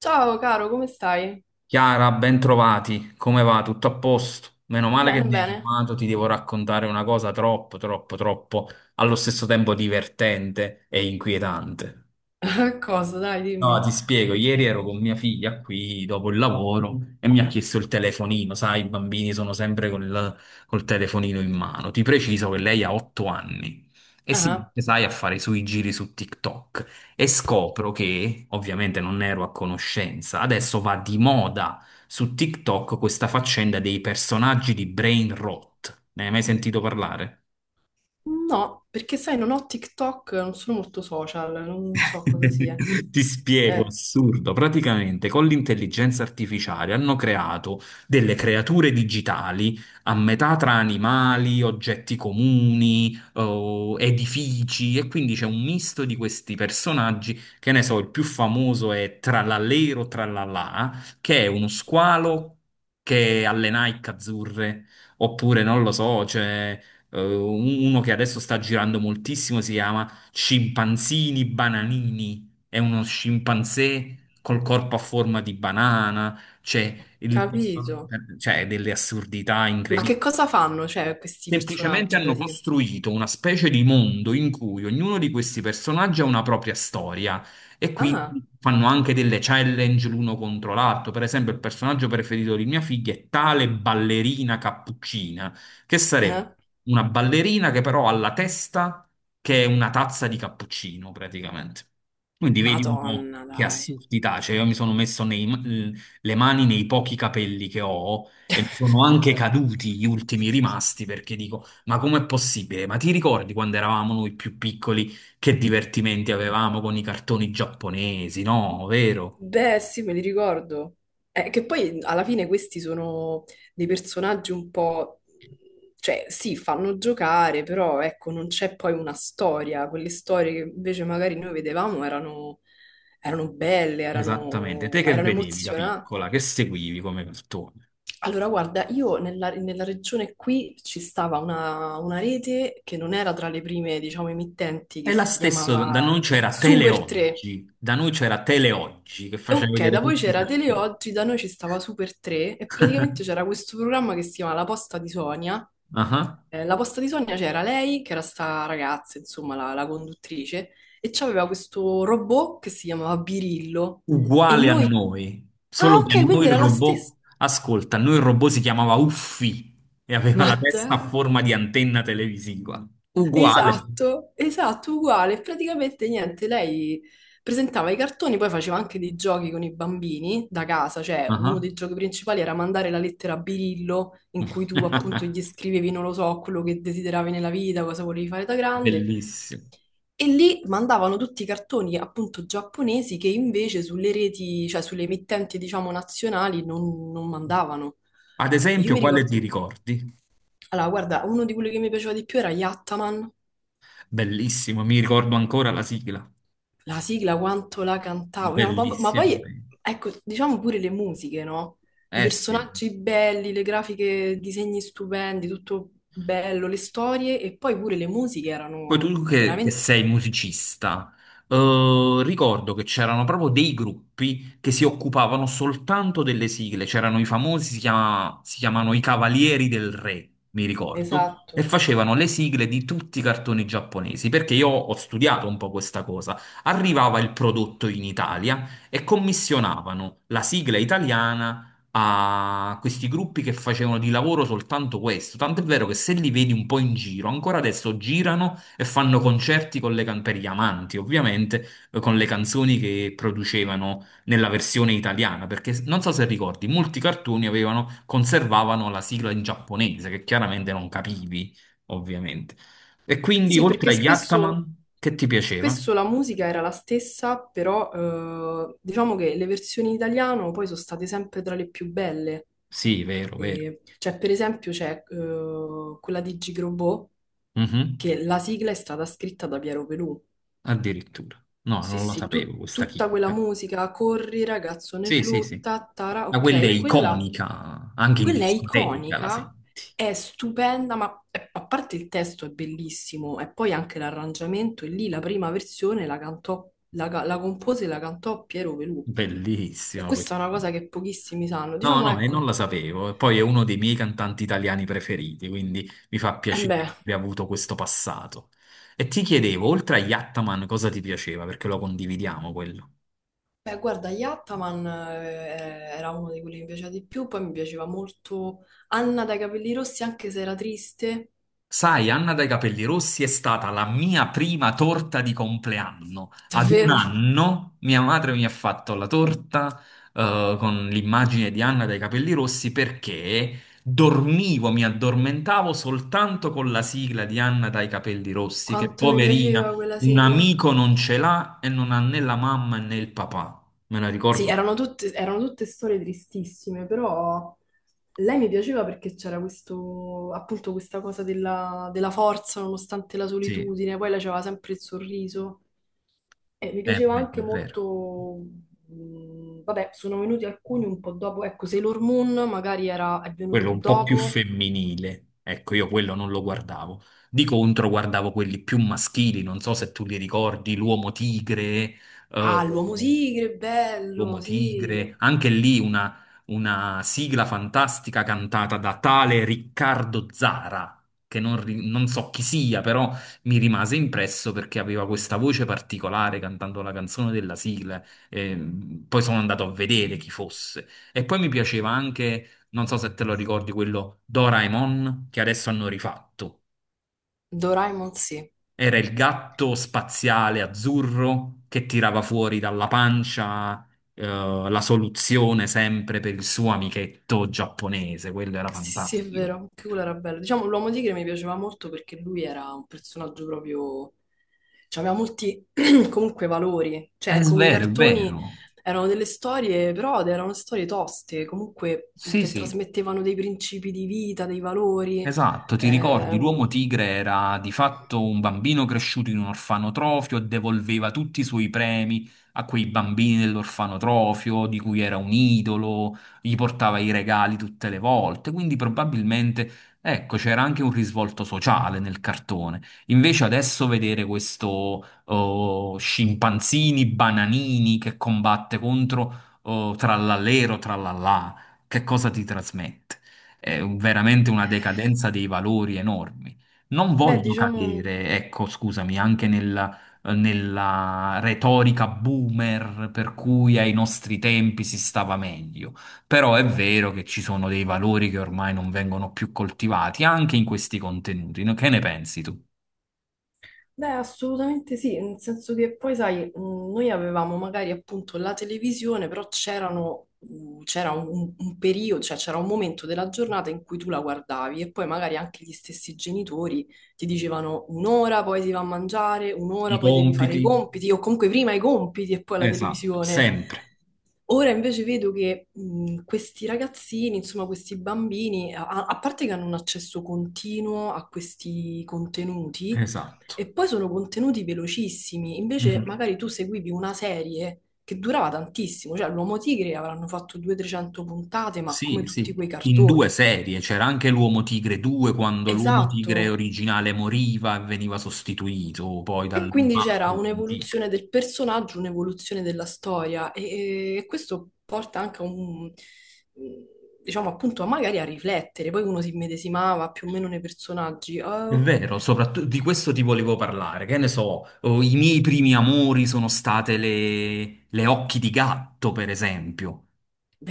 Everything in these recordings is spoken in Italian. Ciao caro, come stai? Chiara, ben trovati. Come va? Tutto a posto? Meno male che Bene, mi hai bene. chiamato, ti devo raccontare una cosa troppo, troppo, troppo, allo stesso tempo divertente e inquietante. Cosa? Dai, No, dimmi. ti spiego, ieri ero con mia figlia qui dopo il lavoro e mi ha chiesto il telefonino, sai, i bambini sono sempre col telefonino in mano. Ti preciso che lei ha 8 anni e si Ah, mette, sai, a fare i suoi giri su TikTok e scopro che, ovviamente non ne ero a conoscenza, adesso va di moda su TikTok questa faccenda dei personaggi di brain rot. Ne hai mai sentito parlare? no, perché sai, non ho TikTok, non sono molto social, non so cosa sia. Ti spiego, Eh, assurdo. Praticamente con l'intelligenza artificiale hanno creato delle creature digitali a metà tra animali, oggetti comuni, oh, edifici, e quindi c'è un misto di questi personaggi. Che ne so, il più famoso è Trallallero Trallallà, che è uno squalo che ha le Nike azzurre, oppure non lo so, c'è uno che adesso sta girando moltissimo, si chiama scimpanzini bananini. È uno scimpanzé col corpo a forma di banana. Capito. Cioè, delle assurdità. Ma che cosa fanno, cioè, questi Semplicemente personaggi hanno praticamente? costruito una specie di mondo in cui ognuno di questi personaggi ha una propria storia e quindi Ah, fanno anche delle challenge l'uno contro l'altro. Per esempio, il personaggio preferito di mia figlia è tale ballerina cappuccina, che sarebbe eh? una ballerina che però ha la testa che è una tazza di cappuccino praticamente. Quindi vedi un po' Madonna, che dai. assurdità, cioè io mi sono messo le mani nei pochi capelli che ho e mi sono anche caduti gli ultimi rimasti perché dico: Ma com'è possibile? Ma ti ricordi quando eravamo noi più piccoli che divertimenti avevamo con i cartoni giapponesi? No, vero? Beh, sì, me li ricordo. Che poi alla fine questi sono dei personaggi un po'... Cioè, sì, fanno giocare, però ecco, non c'è poi una storia. Quelle storie che invece magari noi vedevamo erano, erano belle, Esattamente. Te erano, che erano vedevi da emozionanti. piccola, che seguivi come cartone? Allora, guarda, io nella regione qui ci stava una rete che non era tra le prime, diciamo, emittenti, E che la si stessa, da noi chiamava c'era Super 3. Teleoggi, da noi c'era Teleoggi che faceva Ok, vedere da voi tutti i c'era cartoni. Teleoggi, da noi ci stava Super 3 e praticamente c'era questo programma che si chiama La posta di Sonia. Ah ah. La posta di Sonia c'era lei, che era sta ragazza, insomma, la conduttrice, e c'aveva questo robot che si chiamava Birillo. E Uguale a noi... noi, Ah, solo che a ok, quindi noi il era la stessa. robot, ascolta, a noi il robot si chiamava Uffi e aveva Ma la testa a dai! forma di antenna televisiva. Uguale. Esatto, esatto, uguale. Praticamente niente, lei presentava i cartoni, poi faceva anche dei giochi con i bambini da casa, cioè uno Ah. dei giochi principali era mandare la lettera a Birillo, in cui tu appunto gli scrivevi, non lo so, quello che desideravi nella vita, cosa volevi fare da grande. Bellissimo. E lì mandavano tutti i cartoni appunto giapponesi che invece sulle reti, cioè sulle emittenti diciamo nazionali non mandavano. Ad E io esempio, mi quale ti ricordo, ricordi? allora guarda, uno di quelli che mi piaceva di più era Yattaman. Bellissimo, mi ricordo ancora la sigla. La sigla quanto la cantavo. Cioè, ma Bellissimo. poi ecco, diciamo pure le musiche, no? I Eh sì. personaggi belli, le grafiche, disegni stupendi, tutto bello, le storie e poi pure le musiche Poi erano tu che veramente... sei musicista, ricordo che c'erano proprio dei gruppi che si occupavano soltanto delle sigle, c'erano i famosi, si chiamano i Cavalieri del Re, mi ricordo, e Esatto. facevano le sigle di tutti i cartoni giapponesi, perché io ho studiato un po' questa cosa. Arrivava il prodotto in Italia e commissionavano la sigla italiana a questi gruppi che facevano di lavoro soltanto questo. Tant'è vero che se li vedi un po' in giro, ancora adesso girano e fanno concerti per gli amanti, ovviamente, con le canzoni che producevano nella versione italiana, perché non so se ricordi, molti cartoni avevano, conservavano la sigla in giapponese, che chiaramente non capivi, ovviamente. E quindi, Sì, perché oltre agli spesso, Ataman, che ti piaceva? spesso la musica era la stessa, però diciamo che le versioni in italiano poi sono state sempre tra le più belle. Sì, vero, vero. Cioè, per esempio, c'è quella di Gigrobot, Mhm. che la sigla è stata scritta da Piero Pelù. Addirittura. No, Sì, non la sì, sapevo questa tutta quella chicca. musica, corri ragazzo nel Sì, sì, blu, sì. tattara, Ma quella è ok, iconica, anche in quella è discoteca la iconica, senti. è stupenda, ma a parte il testo è bellissimo, e poi anche l'arrangiamento, e lì la prima versione la cantò, la compose e la cantò Piero Pelù. E Bellissimo questa è una questo. cosa che pochissimi sanno. No, Diciamo, no, e non ecco, la sapevo. E poi è uno dei miei cantanti italiani preferiti, quindi mi fa e piacere beh. che abbia avuto questo passato. E ti chiedevo, oltre a Yattaman, cosa ti piaceva? Perché lo condividiamo quello. Beh, guarda, Yattaman era uno di quelli che mi piaceva di più, poi mi piaceva molto Anna dai capelli rossi, anche se era triste. Sai, Anna dai capelli rossi è stata la mia prima torta di compleanno. Ad un Davvero, anno mia madre mi ha fatto la torta con l'immagine di Anna dai capelli rossi perché dormivo, mi addormentavo soltanto con la sigla di Anna dai capelli rossi, che quanto mi piaceva poverina, quella un sigla. amico non ce l'ha e non ha né la mamma né il papà. Me la Sì, ricordo? Erano tutte storie tristissime, però lei mi piaceva perché c'era questo, appunto, questa cosa della forza nonostante la Sì, solitudine, poi lei aveva sempre il sorriso. E mi è piaceva vero, anche è vero. molto, vabbè, sono venuti alcuni un po' dopo, ecco, Sailor Moon magari era, è venuto Quello un po' più dopo. femminile. Ecco, io quello non lo guardavo. Di contro guardavo quelli più maschili, non so se tu li ricordi, l'Uomo Tigre, eh, Ah, l'uomo tigre, bello, Uomo sì. Tigre, anche lì una sigla fantastica cantata da tale Riccardo Zara, che non, non so chi sia, però mi rimase impresso perché aveva questa voce particolare cantando la canzone della sigla. E, poi sono andato a vedere chi fosse. E poi mi piaceva anche, non so se te lo ricordi, quello Doraemon che adesso hanno rifatto. Doraemon, sì. Era il gatto spaziale azzurro che tirava fuori dalla pancia, la soluzione sempre per il suo amichetto giapponese. Quello era Sì, sì, è fantastico. vero, anche quello era bello. Diciamo, l'Uomo Tigre mi piaceva molto perché lui era un personaggio proprio... Cioè, aveva molti, comunque, valori. È Cioè, ecco, quei vero, è cartoni vero. erano delle storie, però erano storie toste, comunque, Sì, che sì. trasmettevano dei principi di vita, dei valori. Esatto, ti ricordi, l'uomo Ehm, tigre era di fatto un bambino cresciuto in un orfanotrofio e devolveva tutti i suoi premi a quei bambini dell'orfanotrofio di cui era un idolo, gli portava i regali tutte le volte, quindi probabilmente, ecco, c'era anche un risvolto sociale nel cartone. Invece adesso vedere questo oh, scimpanzini, bananini che combatte contro oh, trallallero, trallallà, che cosa ti trasmette? Veramente una decadenza dei valori enormi. Non Beh, voglio diciamo... cadere, ecco, scusami, anche nella retorica boomer per cui ai nostri tempi si stava meglio, però è vero che ci sono dei valori che ormai non vengono più coltivati anche in questi contenuti. No? Che ne pensi tu? Beh, assolutamente sì, nel senso che poi, sai, noi avevamo magari appunto la televisione, però c'erano, c'era un periodo, cioè c'era un momento della giornata in cui tu la guardavi e poi magari anche gli stessi genitori ti dicevano un'ora poi si va a mangiare, I un'ora poi devi fare i compiti? compiti, o comunque prima i compiti e poi la Esatto, televisione. sempre, Ora invece vedo che questi ragazzini, insomma questi bambini, a parte che hanno un accesso continuo a questi contenuti, esatto. e poi sono contenuti velocissimi, invece Mhm. magari tu seguivi una serie che durava tantissimo, cioè l'Uomo Tigre avranno fatto 200-300 puntate, ma come Sì, tutti sì, quei in due cartoni. serie c'era anche l'Uomo Tigre 2 quando l'Uomo Tigre Esatto. originale moriva e veniva sostituito poi E dal quindi c'era altro Uomo Tigre. un'evoluzione del personaggio, un'evoluzione della storia e questo porta anche a diciamo appunto, a magari a riflettere, poi uno si immedesimava più o meno nei personaggi. È Oh, vero, soprattutto di questo ti volevo parlare. Che ne so, oh, i miei primi amori sono state le occhi di gatto, per esempio.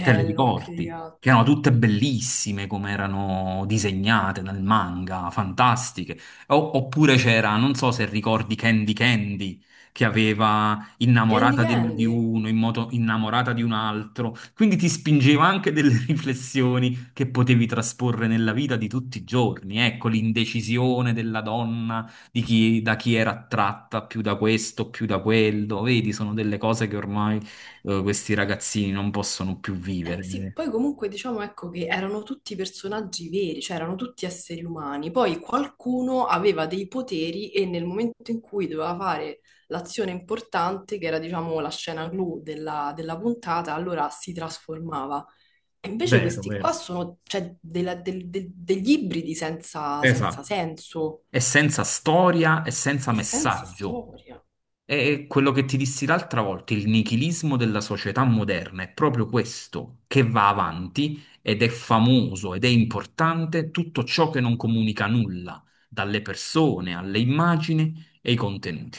Te le occhi di ricordi? Che erano gatto. tutte bellissime come erano disegnate nel manga, fantastiche. Oppure c'era, non so se ricordi Candy Candy, che aveva Candy innamorata di Candy. uno, in moto, innamorata di un altro. Quindi ti spingeva anche delle riflessioni che potevi trasporre nella vita di tutti i giorni. Ecco, l'indecisione della donna, di chi, da chi era attratta, più da questo, più da quello. Vedi, sono delle cose che ormai questi ragazzini non possono più vivere. Sì, poi comunque diciamo ecco che erano tutti personaggi veri, cioè erano tutti esseri umani. Poi qualcuno aveva dei poteri e nel momento in cui doveva fare l'azione importante, che era diciamo la scena clou della puntata, allora si trasformava. E invece Vero, questi vero. qua sono cioè, degli ibridi senza Esatto. senso È senza storia e senza e senza messaggio. storia. È quello che ti dissi l'altra volta, il nichilismo della società moderna è proprio questo che va avanti ed è famoso ed è importante tutto ciò che non comunica nulla, dalle persone alle immagini e ai contenuti.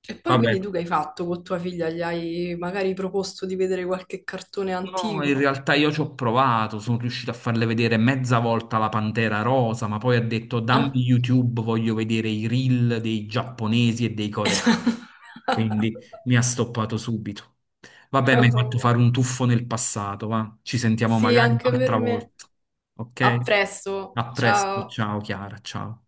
E poi Vabbè, quindi tu che hai fatto con tua figlia? Gli hai magari proposto di vedere qualche cartone no, in antico? realtà io ci ho provato, sono riuscito a farle vedere mezza volta la Pantera Rosa, ma poi ha detto Eh? dammi YouTube, voglio vedere i reel dei giapponesi e dei coreani. Quindi mi ha stoppato subito. Vabbè, mi hai fatto Vabbè. fare un tuffo nel passato, va. Ci sentiamo Sì, magari anche per un'altra me. volta. Ok? A presto. A presto, Ciao. ciao Chiara, ciao.